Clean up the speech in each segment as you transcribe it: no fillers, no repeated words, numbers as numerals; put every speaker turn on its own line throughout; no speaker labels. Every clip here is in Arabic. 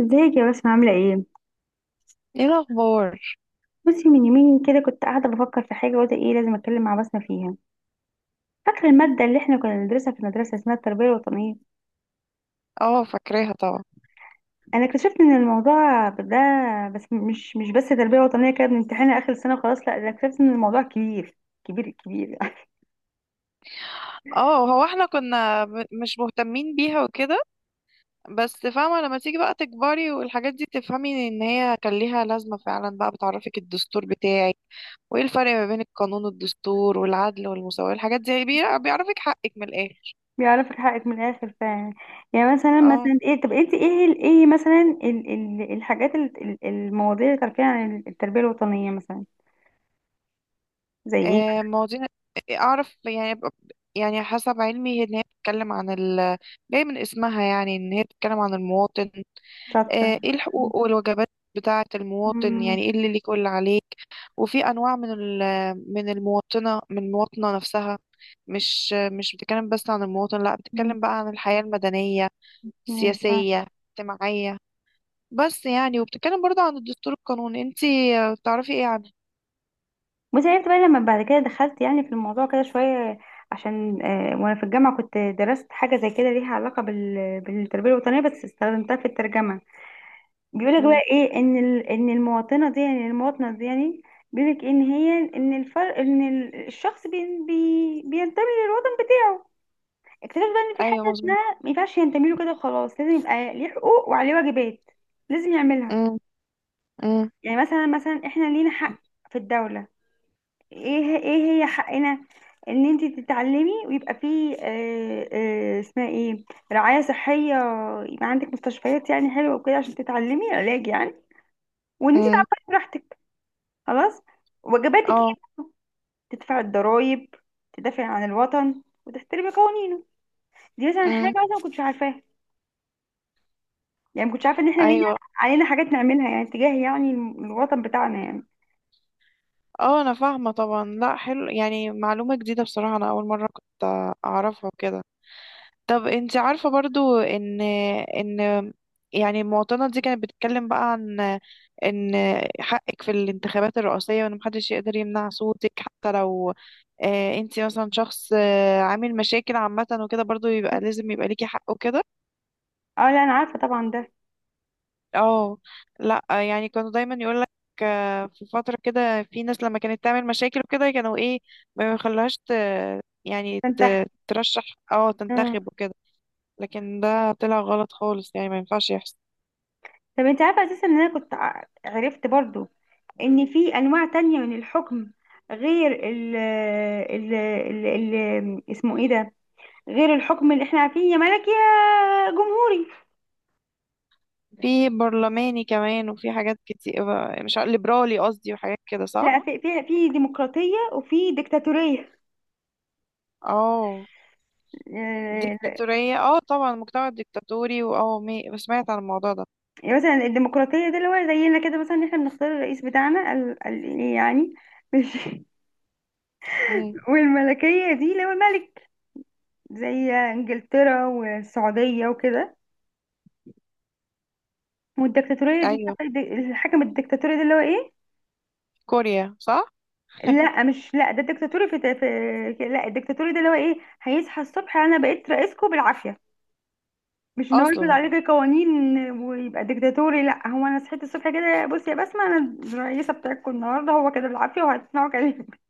ازيك يا بسمة عاملة ايه؟
ايه الاخبار؟
بصي من يومين كده كنت قاعدة بفكر في حاجة وقلت ايه لازم اتكلم مع بسمة فيها. فاكرة المادة اللي احنا كنا بندرسها في المدرسة اسمها التربية الوطنية.
اه، فاكراها طبعا.
انا اكتشفت ان الموضوع ده بس مش بس تربية وطنية كده بنمتحنها اخر السنة وخلاص، لا ده اكتشفت ان الموضوع كبير كبير كبير.
اه، هو احنا كنا مش مهتمين بيها وكده. بس فاهمه، لما تيجي بقى تكبري والحاجات دي تفهمي ان هي كان ليها لازمه فعلا، بقى بتعرفك الدستور بتاعك. وايه الفرق ما بين القانون والدستور والعدل والمساواه؟ الحاجات دي بيعرفك حقك من الاخر.
بيعرفك حقك من الاخر يعني مثلا
اه.
مثلا ايه. طب انت ايه مثلا ال الحاجات المواضيع اللي تعرفيها عن التربية الوطنية مثلا. زي ايه؟
مواضيع. اعرف يعني ب- يعني حسب علمي ان هي بتتكلم عن ال جاي من اسمها، يعني ان هي بتتكلم عن المواطن.
شاطرة.
ايه الحقوق والواجبات بتاعة المواطن،
مم.
يعني ايه اللي ليك واللي عليك. وفي انواع من المواطنة من المواطنة نفسها. مش بتتكلم بس عن المواطن، لا، بتتكلم بقى عن الحياة المدنية،
مم.
السياسية، الاجتماعية. بس يعني، وبتتكلم برضه عن الدستور القانوني. انتي تعرفي ايه عنه؟
بس عرفت بقى لما بعد كده دخلت يعني في الموضوع كده شوية، عشان وانا في الجامعة كنت درست حاجة زي كده ليها علاقة بالتربية الوطنية، بس استخدمتها في الترجمة. بيقولك بقى
مم.
ايه، ان ان المواطنة دي يعني، بيقولك ان الفرق ان الشخص بينتمي للوطن بتاعه. اكتشفت بقى ان في
ايوه،
حاجة
مظبوط.
اسمها ما ينفعش ينتمي له كده وخلاص، لازم يبقى ليه حقوق وعليه واجبات لازم يعملها.
مم. مم.
يعني مثلا مثلا احنا لينا حق في الدولة. ايه هي حقنا؟ ان انت تتعلمي، ويبقى في آه اسمها ايه، رعاية صحية، يبقى عندك مستشفيات يعني حلوة وكده عشان تتعلمي علاج يعني، وان انت
مم.
تعبري براحتك. خلاص، واجباتك
اه.
ايه؟ تدفع الضرايب، تدافع عن الوطن وتحترمي قوانينه. دي مثلا
مم.
حاجة انا ما كنتش عارفاها، يعني ما كنتش عارفة ان احنا لينا،
ايوه.
علينا حاجات نعملها يعني تجاه يعني الوطن بتاعنا يعني.
اه، انا فاهمة طبعا. لا، حلو، يعني معلومة جديدة بصراحة، انا اول مرة كنت اعرفها كده. طب انت عارفة برضو ان يعني المواطنة دي كانت بتتكلم بقى عن ان حقك في الانتخابات الرئاسية، وان محدش يقدر يمنع صوتك، حتى لو اه انت مثلا شخص اه عامل مشاكل عامة وكده، برضو يبقى لازم يبقى ليكي حق وكده.
اه لا انا عارفه طبعا ده.
اه. لا، يعني كانوا دايما يقولك اه، في فترة كده في ناس لما كانت تعمل مشاكل وكده، كانوا ايه، ما يخلوهاش
فانت
ترشح، اه،
مم.
تنتخب وكده. لكن ده طلع غلط خالص، يعني ما ينفعش يحصل.
طب انت عارفه اساسا ان انا كنت عرفت برضو ان في انواع تانية من الحكم، غير ال اسمه ايه ده، غير الحكم اللي احنا عارفين، يا ملكي يا جمهوري.
في برلماني كمان، وفي حاجات كتير، مش عارف- ليبرالي قصدي وحاجات كده، صح؟
لا في في ديمقراطية وفي ديكتاتورية.
اه،
آه،
ديكتاتورية. اه طبعا، مجتمع ديكتاتوري. واه سمعت عن الموضوع ده.
يعني مثلا الديمقراطية ده اللي هو زينا كده مثلا، إن احنا بنختار الرئيس بتاعنا ال ال يعني مش
امم.
والملكية دي اللي هو الملك، زي انجلترا والسعودية وكده. والديكتاتورية دي،
ايوه.
الحكم الديكتاتوري ده اللي هو ايه؟
كوريا، صح؟
لا مش، لا ده الدكتاتوري في، في لا، الدكتاتوري ده اللي هو ايه، هيصحى الصبح انا بقيت رئيسكم بالعافيه. مش ان هو يفرض
اصلا.
عليك القوانين ويبقى ديكتاتوري، لا هو انا صحيت الصبح كده بصي يا بسمه انا الرئيسه بتاعتكم النهارده، هو كده بالعافيه وهتسمعوا كلامي.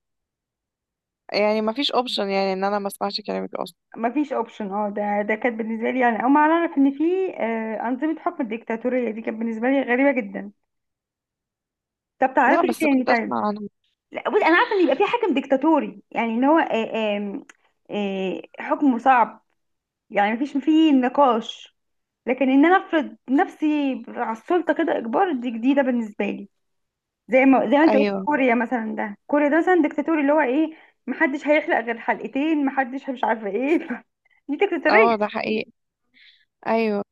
يعني ما فيش اوبشن، يعني ان انا ما اسمعش كلامك اصلا.
مفيش اوبشن، اه ده كانت بالنسبه لي انا اول ما اعرف ان في انظمه حكم الديكتاتوريه دي، كانت بالنسبه لي غريبه جدا. طب
لا،
تعرفي ايه
بس
تاني
كنت
طيب؟
اسمع عنه.
لا بصي انا عارفه ان يبقى في حاكم ديكتاتوري، يعني ان هو آه، آم، آه، حكمه صعب، يعني مفيش فيه نقاش، لكن ان انا افرض نفسي على السلطه كده اجبار، دي جديده بالنسبه لي. زي ما انت قلت
ايوه.
كوريا مثلا، ده كوريا ده مثلا ديكتاتوري، اللي هو ايه، محدش هيحلق غير حلقتين، محدش مش عارفه ايه. دي ديكتاتوريه.
اه، ده حقيقي. ايوه.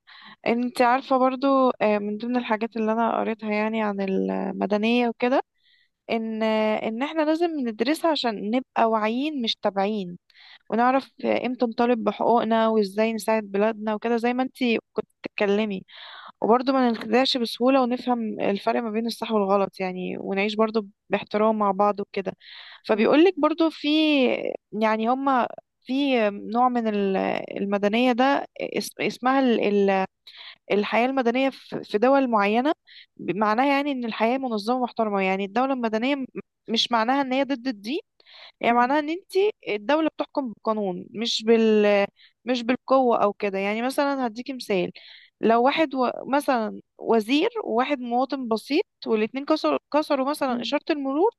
انت عارفة برضو من ضمن الحاجات اللي انا قريتها يعني عن المدنية وكده، ان احنا لازم ندرسها عشان نبقى واعيين مش تابعين، ونعرف امتى نطالب بحقوقنا وازاي نساعد بلادنا وكده، زي ما انتي كنت بتتكلمي. وبرضه ما نخدعش بسهولة، ونفهم الفرق ما بين الصح والغلط يعني، ونعيش برضه باحترام مع بعض وكده.
م-
فبيقولك برضه، في يعني هما في نوع من المدنية اسمها الحياة المدنية، في دول معينة معناها يعني ان الحياة منظمة ومحترمة. يعني الدولة المدنية مش معناها ان هي ضد الدين. يعني
م-
معناها ان انت الدولة بتحكم بالقانون، مش بالقوة او كده. يعني مثلا هديكي مثال، لو واحد مثلا وزير، وواحد مواطن بسيط، والاتنين كسروا مثلا
م.
إشارة المرور.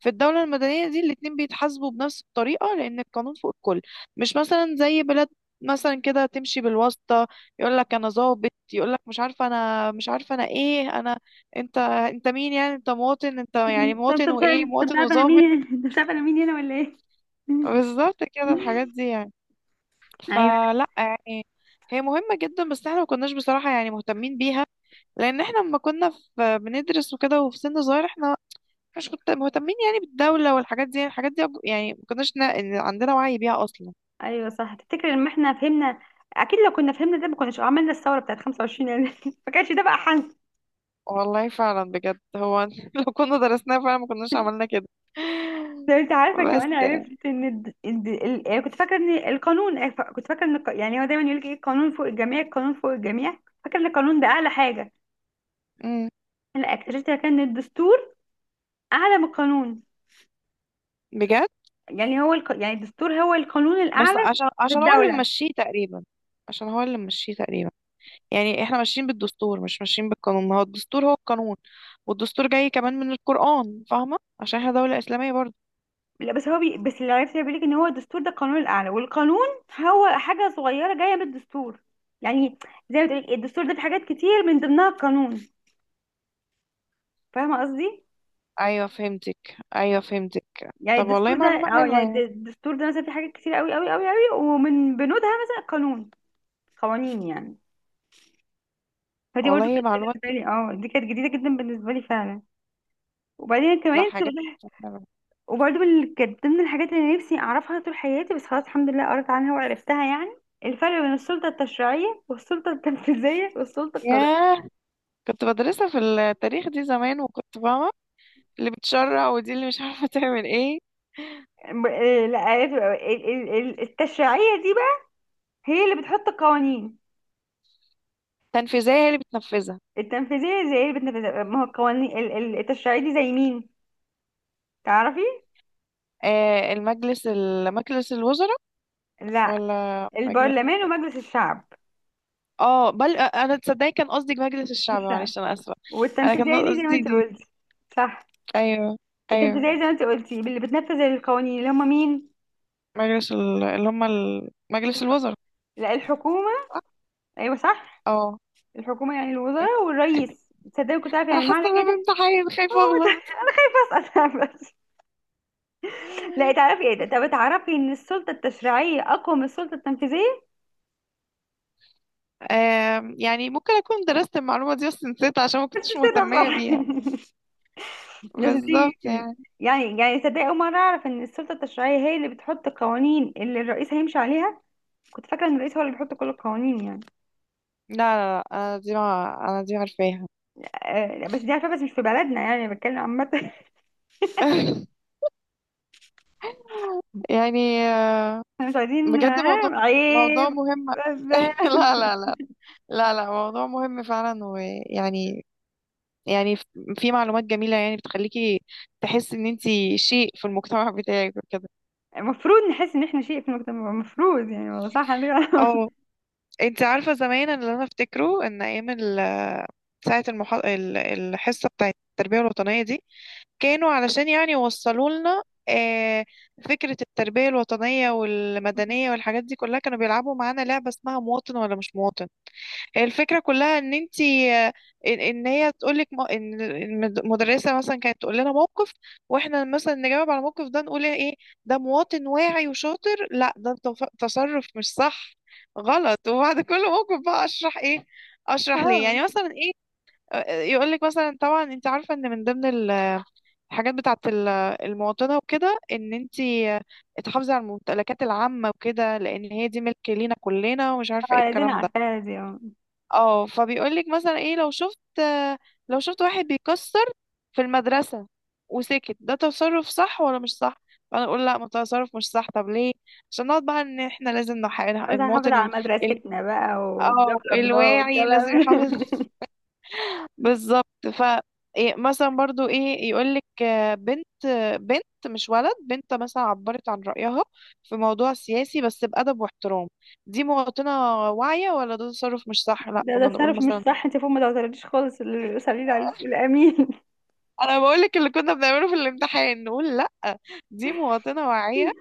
في الدولة المدنية دي الاتنين بيتحاسبوا بنفس الطريقة، لأن القانون فوق الكل. مش مثلا زي بلاد مثلا كده تمشي بالواسطة، يقول لك انا ظابط، يقول لك مش عارفه انا، مش عارفه انا ايه، انا، انت مين؟ يعني انت مواطن، انت يعني
أنت
مواطن،
مش عارف-
وايه،
أنت مش
مواطن
عارفه انا
وظابط.
مين، انت مش عارفه انا مين هنا ولا ايه؟
بالظبط كده الحاجات دي يعني.
ايوه.
فلا، يعني هي مهمه جدا، بس احنا ما كناش بصراحه يعني مهتمين بيها، لان احنا لما كنا في بندرس وكده وفي سن صغير، احنا مش كنت مهتمين يعني بالدوله والحاجات دي. الحاجات دي يعني ما كناش عندنا وعي بيها اصلا.
ايوه صح، تفتكر ان احنا فهمنا؟ اكيد لو كنا فهمنا ده ما كناش عملنا الثوره بتاعت 25 يناير. ما كانش ده بقى.
والله فعلا بجد، هو لو كنا درسناها فعلا ما كناش عملنا كده.
ده انت عارفه
بس
كمان،
يعني.
عرفت ان يعني كنت فاكره ان القانون، كنت فاكره ان الق- يعني هو دايما يقول لك ايه، القانون فوق الجميع، القانون فوق الجميع، فاكره ان القانون ده اعلى حاجه،
مم.
لا اكتشفت كان الدستور اعلى من القانون.
بجد.
يعني يعني الدستور هو القانون
بس
الاعلى
عشان
في
عشان هو اللي
الدوله.
ممشيه تقريبا. عشان هو اللي ممشيه تقريبا. يعني احنا ماشيين بالدستور، مش ماشيين بالقانون، هو الدستور هو القانون. والدستور جاي كمان من القرآن، فاهمة؟ عشان احنا دولة إسلامية برضه.
لا بس بس اللي عرفت بيقول لك ان هو الدستور ده القانون الاعلى، والقانون هو حاجه صغيره جايه من الدستور. يعني زي ما تقول الدستور ده في حاجات كتير، من ضمنها القانون، فاهمه قصدي؟
ايوه فهمتك، ايوه فهمتك.
يعني
طب والله
الدستور ده،
معلومة حلوة يعني.
الدستور ده مثلا في حاجات كتير قوي قوي قوي قوي، ومن بنودها مثلا قوانين يعني. فدي برضه
والله
كانت
معلومات
بالنسبه
كده.
لي، دي كانت جديده جدا بالنسبه لي فعلا. وبعدين
لا،
كمان
حاجات
تقول-
حلوة.
وبرضه من كانت ضمن الحاجات اللي نفسي اعرفها طول حياتي، بس خلاص الحمد لله قريت عنها وعرفتها يعني. الفرق بين السلطه التشريعيه والسلطه التنفيذيه والسلطه القضائيه.
ياه. كنت بدرسها في التاريخ دي زمان، وكنت فاهمة اللي بتشرع، ودي اللي مش عارفة تعمل ايه.
لا عرفت بقى. التشريعيه دي بقى هي اللي بتحط القوانين.
تنفيذية هي اللي بتنفذها.
التنفيذيه زي اللي بتنفذها، ما هو القوانين، التشريعيه دي زي مين، تعرفي؟
آه، المجلس، مجلس الوزراء.
لا
ولا مجلس...
البرلمان ومجلس الشعب،
اه، بل انا تصدقي كان قصدي مجلس الشعب،
الشعب.
معلش انا اسفه. انا كان
والتنفيذية دي زي ما
قصدي
انت
دي.
قلتي، صح.
ايوه. ايوه.
التنفيذية زي ما انت قلتي اللي بتنفذ القوانين، اللي هم مين؟
مجلس ال... اللي هم ال... مجلس الوزراء.
لا الحكومة. ايوه صح،
اه.
الحكومة يعني الوزراء والرئيس، تصدقي كنت عارفة
انا
يعني
حاسه
معنى
ان انا
كده.
بامتحان،
هو
خايفه اغلط.
بس أنا بس. لا تعرفي ايه ده، طب تعرفي ان السلطة التشريعية اقوى من السلطة التنفيذية؟
يعني ممكن اكون درست المعلومه دي بس نسيتها عشان ما كنتش
كده
مهتميه
بصراحة.
بيها.
بس دي
بالظبط يعني.
يعني تصدقي اول مرة اعرف ان السلطة التشريعية هي اللي بتحط القوانين اللي الرئيس هيمشي عليها. كنت فاكرة ان الرئيس هو اللي بيحط كل القوانين يعني.
لا لا لا. انا دي ما انا دي عارفاها.
بس دي عارفة، بس مش في بلدنا يعني، أنا بتكلم عامة.
يعني
احنا مش عايزين،
بجد موضوع،
عيب.
موضوع مهم.
بس
لا
بس.
لا لا. لا لا، موضوع مهم فعلا، ويعني، يعني في معلومات جميلة يعني بتخليكي تحسي ان انتي شيء في المجتمع بتاعك وكده.
المفروض نحس ان احنا شيء في المجتمع، المفروض يعني، والله صح عندك حق.
اه. انتي عارفة زمان، أنا اللي انا افتكره ان ايام ساعة الحصة بتاعت التربية الوطنية دي، كانوا علشان يعني يوصلوا لنا آه، فكرة التربية الوطنية والمدنية والحاجات دي كلها، كانوا بيلعبوا معانا لعبة اسمها مواطن ولا مش مواطن. الفكرة كلها ان انتي، ان هي تقولك ان المدرسة مثلا كانت تقول لنا موقف، واحنا مثلا نجاوب على الموقف ده نقول ايه، ده مواطن واعي وشاطر، لا ده تصرف مش صح، غلط. وبعد كل موقف بقى اشرح ايه، اشرح ليه
اه.
يعني مثلا ايه. يقولك مثلا، طبعا انت عارفة ان من ضمن الحاجات بتاعت المواطنة وكده، ان انتي تحافظي على الممتلكات العامة وكده، لان هي دي ملك لينا كلنا ومش عارفة ايه
عايزين
الكلام ده.
عارفاها دي، اه.
اه. فبيقولك مثلا ايه، لو شفت لو شفت واحد بيكسر في المدرسة وسكت، ده تصرف صح ولا مش صح؟ فانا اقول لا، ما تصرف مش صح. طب ليه؟ عشان نقعد بقى ان احنا لازم
بس هنحافظ
المواطن
على
ال...
مدرستنا بقى، وبلا
اه
بلا بلا
الواعي
والكلام.
لازم يحافظ. بالظبط. ف إيه مثلا برضو ايه، يقولك بنت مش ولد، بنت مثلا عبرت عن رأيها في موضوع سياسي بس بأدب واحترام، دي مواطنة واعية ولا ده تصرف مش صح؟ لا،
ده
كنا نقول
تصرف مش
مثلا،
صح، انت فوق ما توترتيش خالص، اللي يصلي عليك الامين.
انا بقولك اللي كنا بنعمله في الامتحان، نقول لا دي مواطنة واعية.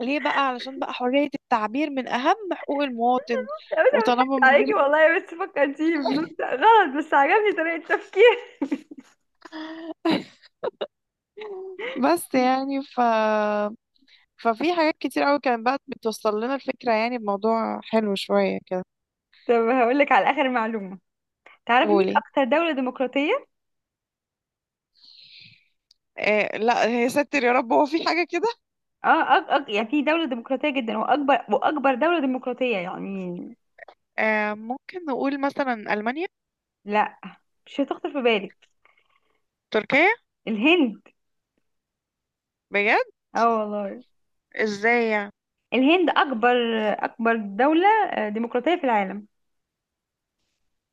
ليه بقى؟ علشان بقى حرية التعبير من اهم حقوق المواطن،
يا بس انا بضحك
وطالما من
عليكي
غير.
والله، بس فكرتيني بنكته غلط، بس عجبني طريقه تفكير.
بس يعني ف، ففي حاجات كتير قوي كانت بقى بتوصل لنا الفكرة يعني بموضوع حلو شوية كده.
طب هقول لك على اخر معلومه، تعرفي مين
قولي.
اكتر دولة ديمقراطية؟
آه لا، هي ستر يا رب، هو في حاجة كده؟
اه يعني في دولة ديمقراطية جدا، واكبر واكبر دولة ديمقراطية يعني.
آه، ممكن نقول مثلا ألمانيا؟
لا مش هتخطر في بالك.
تركيا؟
الهند.
بجد؟
اه والله،
ازاي يعني؟
الهند اكبر، اكبر دولة ديمقراطية في العالم.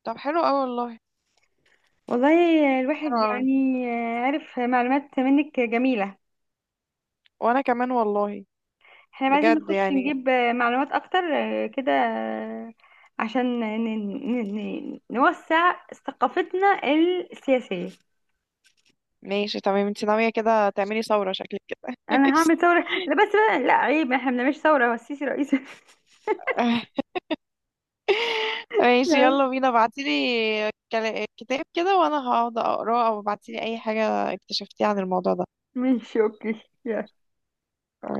طب حلو قوي والله.
والله،
حلو
الواحد
قوي.
يعني، عرف معلومات منك جميلة.
وانا كمان والله.
احنا عايزين
بجد
نخش
يعني.
نجيب معلومات اكتر، آه، كده آه، عشان نوسع ثقافتنا السياسية.
ماشي تمام، انت ناوية كده تعملي ثورة، شكلك كده.
انا هعمل ثورة، لا بس بقى، لا عيب احنا ما بنعملش ثورة هو السيسي رئيس.
ماشي. ماشي،
لا،
يلا بينا، ابعتيلي كتاب كده وانا هقعد اقراه، او ابعتيلي اي حاجة اكتشفتيها عن الموضوع ده.
ماشي اوكي.